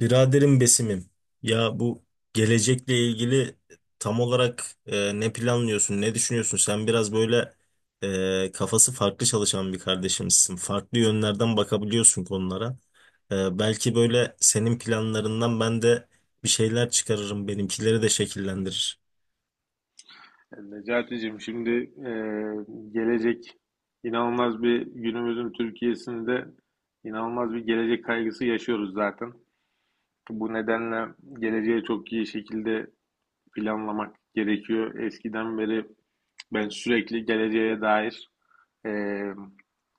Biraderim Besim'im, ya bu gelecekle ilgili tam olarak ne planlıyorsun, ne düşünüyorsun? Sen biraz böyle kafası farklı çalışan bir kardeşimsin. Farklı yönlerden bakabiliyorsun konulara. Belki böyle senin planlarından ben de bir şeyler çıkarırım, benimkileri de şekillendirir. Necati'cim şimdi e, gelecek inanılmaz bir günümüzün Türkiye'sinde inanılmaz bir gelecek kaygısı yaşıyoruz zaten. Bu nedenle geleceği çok iyi şekilde planlamak gerekiyor. Eskiden beri ben sürekli geleceğe dair e,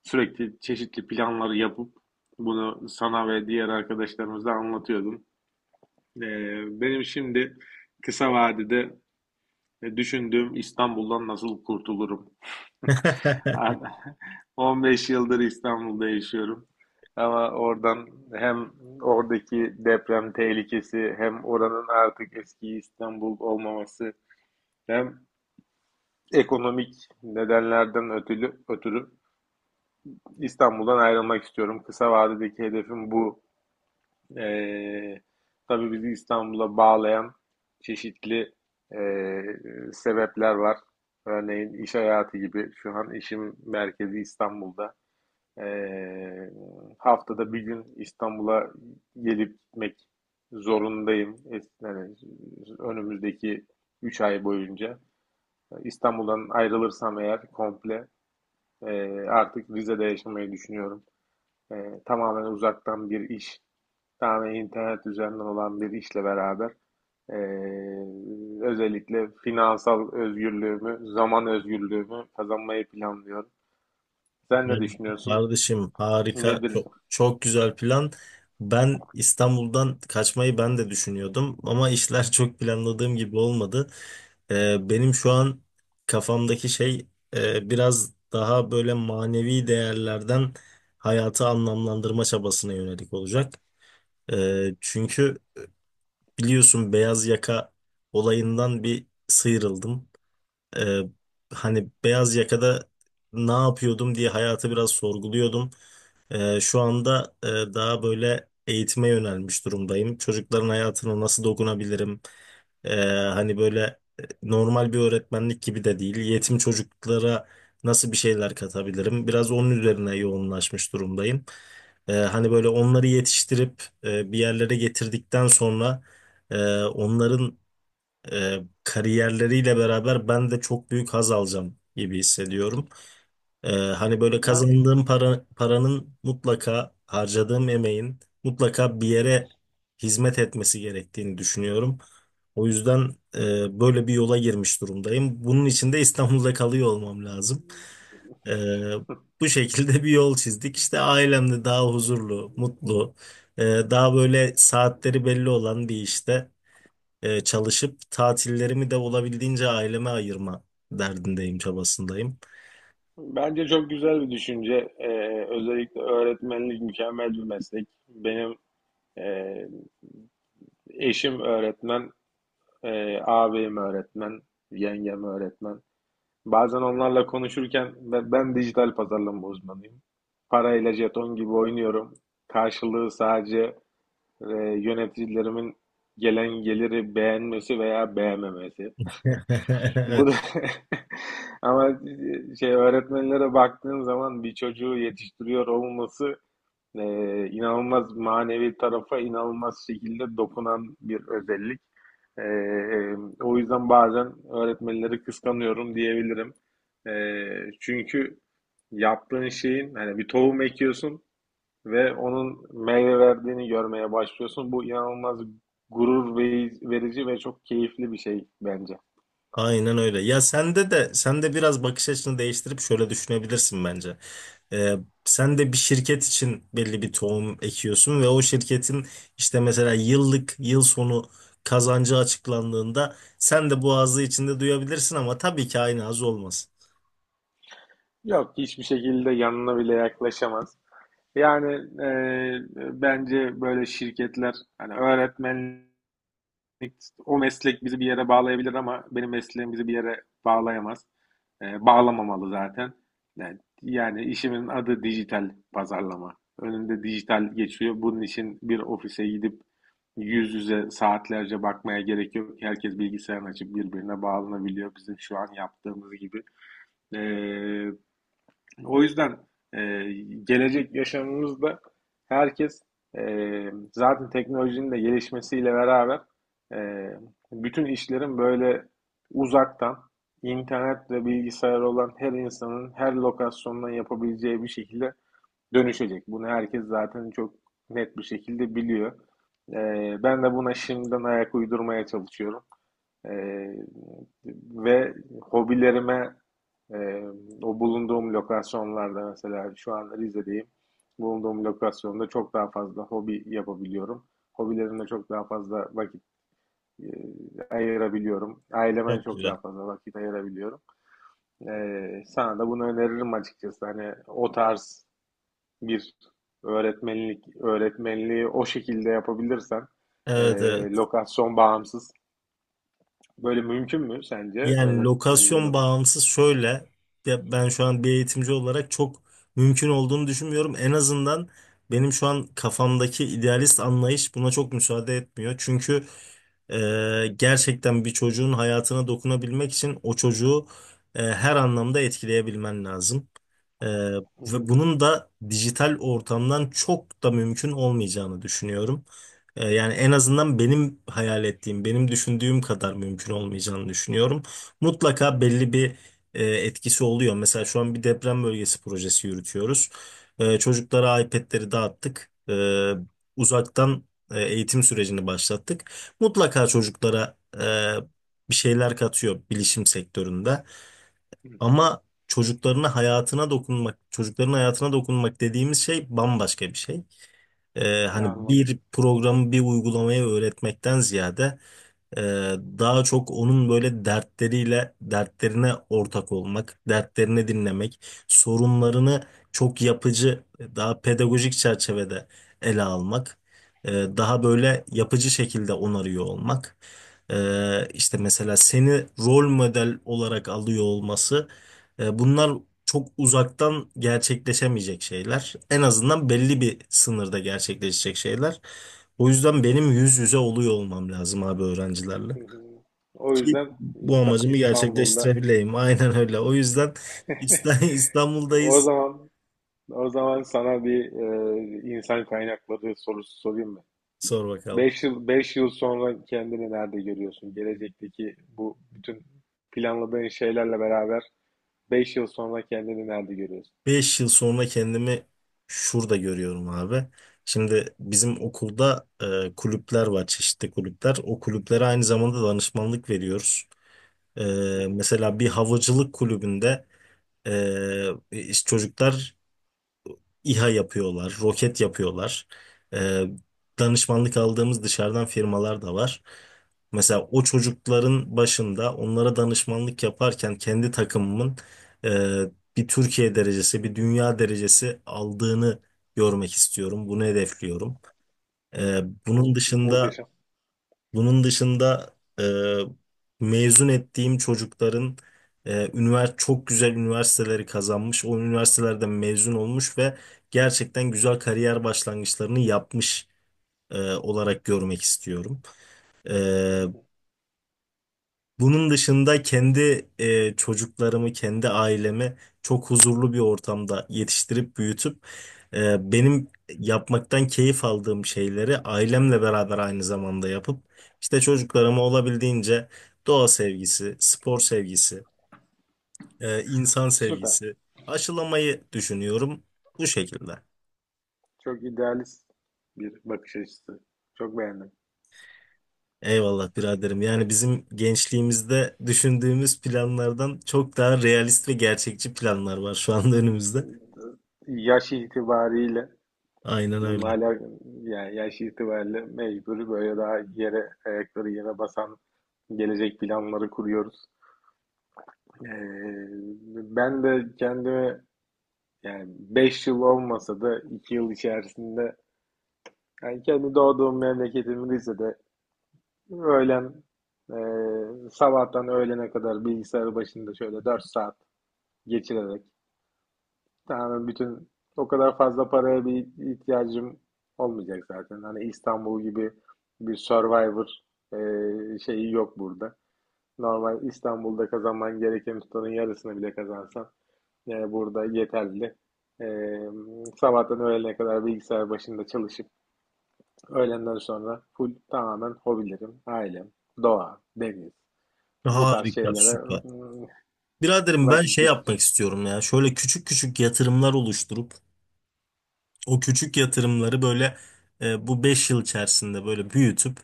sürekli çeşitli planları yapıp bunu sana ve diğer arkadaşlarımıza anlatıyordum. E, benim şimdi kısa vadede düşündüğüm İstanbul'dan nasıl kurtulurum? Abi, 15 yıldır İstanbul'da yaşıyorum. Ama oradan hem oradaki deprem tehlikesi hem oranın artık eski İstanbul olmaması hem ekonomik nedenlerden ötürü İstanbul'dan ayrılmak istiyorum. Kısa vadedeki hedefim bu. Ee, tabii bizi İstanbul'a bağlayan çeşitli ee, sebepler var. Örneğin iş hayatı gibi. Şu an işim merkezi İstanbul'da. Ee, haftada bir gün İstanbul'a gelip gitmek zorundayım. Yani önümüzdeki 3 ay boyunca. İstanbul'dan ayrılırsam eğer komple e, artık Rize'de yaşamayı düşünüyorum. Tamamen uzaktan bir iş, tamamen internet üzerinden olan bir işle beraber e, özellikle finansal özgürlüğümü, zaman özgürlüğümü kazanmayı planlıyorum. Sen Ya ne düşünüyorsun? kardeşim, harika, Nedir? çok çok güzel plan. Ben İstanbul'dan kaçmayı ben de düşünüyordum ama işler çok planladığım gibi olmadı. Benim şu an kafamdaki şey biraz daha böyle manevi değerlerden hayatı anlamlandırma çabasına yönelik olacak. Çünkü biliyorsun, beyaz yaka olayından bir sıyrıldım. Ee, Hani beyaz yakada ne yapıyordum diye hayatı biraz sorguluyordum. Şu anda daha böyle eğitime yönelmiş durumdayım. Çocukların hayatına nasıl dokunabilirim? Ee, Hani böyle normal bir öğretmenlik gibi de değil. Yetim çocuklara nasıl bir şeyler katabilirim? Biraz onun üzerine yoğunlaşmış durumdayım. Hani böyle onları yetiştirip bir yerlere getirdikten sonra onların e, kariyerleriyle beraber ben de çok büyük haz alacağım gibi hissediyorum. Hani böyle Ben kazandığım para, paranın mutlaka, harcadığım emeğin mutlaka bir yere hizmet etmesi gerektiğini düşünüyorum. O yüzden böyle bir yola girmiş durumdayım. Bunun için de İstanbul'da kalıyor olmam lazım. E, Bu şekilde bir yol çizdik. İşte ailemde daha huzurlu, mutlu, daha böyle saatleri belli olan bir işte çalışıp tatillerimi de olabildiğince aileme ayırma derdindeyim, çabasındayım. Bence çok güzel bir düşünce. Özellikle öğretmenlik mükemmel bir meslek. Benim e, eşim öğretmen, ağabeyim öğretmen, yengem öğretmen. Bazen onlarla konuşurken ben dijital pazarlama uzmanıyım. Parayla jeton gibi oynuyorum. Karşılığı sadece yöneticilerimin gelen geliri beğenmesi veya beğenmemesi. Bu Evet, da ama şey, öğretmenlere baktığın zaman bir çocuğu yetiştiriyor olması e, inanılmaz manevi tarafa inanılmaz şekilde dokunan bir özellik. E, e, o yüzden bazen öğretmenleri kıskanıyorum diyebilirim. E, çünkü yaptığın şeyin, hani bir tohum ekiyorsun ve onun meyve verdiğini görmeye başlıyorsun. Bu inanılmaz gurur verici ve çok keyifli bir şey bence. aynen öyle. Ya sende de sen de biraz bakış açını değiştirip şöyle düşünebilirsin bence. E, Sen de bir şirket için belli bir tohum ekiyorsun ve o şirketin işte mesela yıllık yıl sonu kazancı açıklandığında sen de bu ağzı içinde duyabilirsin ama tabii ki aynı haz olmaz. Yok, hiçbir şekilde yanına bile yaklaşamaz. Yani e, bence böyle şirketler, hani öğretmen, o meslek bizi bir yere bağlayabilir ama benim mesleğim bizi bir yere bağlayamaz. Bağlamamalı zaten. Yani işimin adı dijital pazarlama. Önünde dijital geçiyor. Bunun için bir ofise gidip yüz yüze saatlerce bakmaya gerek yok. Herkes bilgisayarını açıp birbirine bağlanabiliyor. Bizim şu an yaptığımız gibi. Ee, o yüzden e, gelecek yaşamımızda herkes, e, zaten teknolojinin de gelişmesiyle beraber, e, bütün işlerin böyle uzaktan, internet ve bilgisayar olan her insanın her lokasyondan yapabileceği bir şekilde dönüşecek. Bunu herkes zaten çok net bir şekilde biliyor. E, ben de buna şimdiden ayak uydurmaya çalışıyorum. Ee, ve hobilerime, e, o bulunduğum lokasyonlarda, mesela şu an Rize'deyim. Bulunduğum lokasyonda çok daha fazla hobi yapabiliyorum. Hobilerimle çok daha fazla vakit e, ayırabiliyorum. Aileme Çok çok güzel. daha fazla vakit ayırabiliyorum. Sana da bunu öneririm açıkçası. Hani o tarz bir öğretmenlik, öğretmenliği o şekilde yapabilirsen e, Evet, evet. lokasyon bağımsız. Böyle mümkün mü sence Yani öğretmenliği lokasyon loka? bağımsız şöyle, ya ben şu an bir eğitimci olarak çok mümkün olduğunu düşünmüyorum. En azından benim şu an kafamdaki idealist anlayış buna çok müsaade etmiyor. Çünkü gerçekten bir çocuğun hayatına dokunabilmek için o çocuğu her anlamda etkileyebilmen lazım. Ee, Hı Ve hı, bunun da dijital ortamdan çok da mümkün olmayacağını düşünüyorum. Yani en hı azından benim hayal ettiğim, benim düşündüğüm kadar mümkün olmayacağını düşünüyorum. Mutlaka belli bir etkisi oluyor. Mesela şu an bir deprem bölgesi projesi yürütüyoruz. Çocuklara iPad'leri dağıttık. Uzaktan eğitim sürecini başlattık, mutlaka çocuklara bir şeyler katıyor bilişim sektöründe. hı. Ama çocukların hayatına dokunmak dediğimiz şey bambaşka bir şey. Ne Hani anladım. bir programı, bir uygulamayı öğretmekten ziyade ee, daha çok onun böyle dertleriyle, dertlerine ortak olmak, dertlerini dinlemek, sorunlarını çok yapıcı, daha pedagojik çerçevede ele almak, ee, daha böyle yapıcı şekilde onarıyor olmak. İşte mesela seni rol model olarak alıyor olması, bunlar çok uzaktan gerçekleşemeyecek şeyler. En azından belli bir sınırda gerçekleşecek şeyler. O Hı yüzden hı, benim yüz yüze oluyor olmam lazım abi, öğrencilerle. hı hı. O Ki yüzden bu amacımı İstanbul'da gerçekleştirebileyim. Aynen öyle. O yüzden İsta- o İstanbul'dayız. zaman o zaman sana bir insan kaynakları sorusu sorayım mı? Sor bakalım. Beş yıl sonra kendini nerede görüyorsun? Gelecekteki bu bütün planladığın şeylerle beraber 5 yıl sonra kendini nerede görüyorsun? 5 yıl sonra kendimi şurada görüyorum abi. Şimdi bizim okulda kulüpler var, çeşitli kulüpler. O kulüplere aynı zamanda danışmanlık veriyoruz. E, Hı hı, Mesela bir havacılık kulübünde e, işte çocuklar İHA yapıyorlar, roket yapıyorlar. Ee, Danışmanlık aldığımız dışarıdan firmalar da var. hı Mesela o hı. çocukların başında onlara danışmanlık yaparken kendi takımımın e, bir Türkiye derecesi, bir dünya derecesi aldığını görmek istiyorum. Bunu hedefliyorum. Ee, bunun O dışında muhteşem. bunun dışında mezun ettiğim çocukların çok güzel üniversiteleri kazanmış, o üniversitelerden mezun olmuş ve gerçekten güzel kariyer başlangıçlarını yapmış olarak görmek istiyorum. Hı E, hı. Bunun dışında kendi çocuklarımı, kendi ailemi çok huzurlu bir ortamda yetiştirip büyütüp benim yapmaktan keyif aldığım şeyleri ailemle beraber aynı zamanda yapıp işte çocuklarıma olabildiğince doğa sevgisi, spor sevgisi, insan Süper. sevgisi aşılamayı düşünüyorum bu şekilde. Çok idealist bir bakış açısı. Çok beğendim. Eyvallah biraderim. Yani bizim gençliğimizde düşündüğümüz planlardan çok daha realist ve gerçekçi planlar var şu anda önümüzde. Yaş itibariyle Aynen bununla öyle. alakalı, yani yaş itibariyle mecburi böyle, daha ayakları yere basan gelecek planları kuruyoruz. Ee, ben de kendimi, yani 5 yıl olmasa da 2 yıl içerisinde, yani kendi doğduğum memleketimin de, öğlen, e, sabahtan öğlene kadar bilgisayar başında şöyle 4 saat geçirerek. Yani, bütün o kadar fazla paraya bir ihtiyacım olmayacak zaten. Hani İstanbul gibi bir Survivor şeyi yok burada. Normal İstanbul'da kazanman gereken tutanın yarısını bile kazansan burada yeterli. E, sabahtan öğlene kadar bilgisayar başında çalışıp öğlenden sonra full, tamamen hobilerim, ailem, doğa, deniz, bu tarz Harika, şeylere süper. mm, Biraderim, ben vakit şey geçirip. yapmak istiyorum ya. Şöyle küçük küçük yatırımlar oluşturup o küçük yatırımları böyle bu 5 yıl içerisinde böyle büyütüp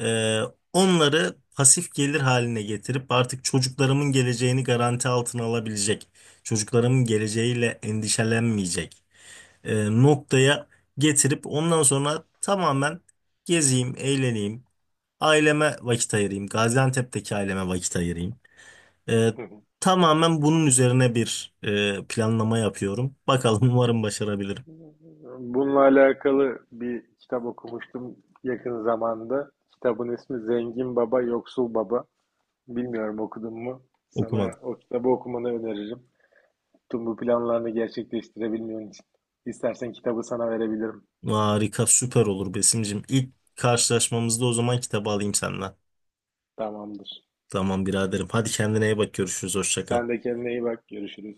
e, onları pasif gelir haline getirip artık çocuklarımın geleceğini garanti altına alabilecek, çocuklarımın geleceğiyle endişelenmeyecek noktaya getirip ondan sonra tamamen gezeyim, eğleneyim, aileme vakit ayırayım, Gaziantep'teki aileme vakit ayırayım. Ee, Tamamen bunun üzerine bir planlama yapıyorum. Bakalım, umarım başarabilirim. Bununla alakalı bir kitap okumuştum yakın zamanda. Kitabın ismi Zengin Baba, Yoksul Baba. Bilmiyorum, okudun mu? Sana Okumadım. o kitabı okumanı öneririm. Tüm bu planlarını gerçekleştirebilmen için. İstersen kitabı sana verebilirim. Harika, süper olur Besim'cim. İlk karşılaşmamızda o zaman kitabı alayım senden. Tamamdır. Tamam biraderim. Hadi kendine iyi bak. Görüşürüz. Hoşça kal. Sen de kendine iyi bak. Görüşürüz.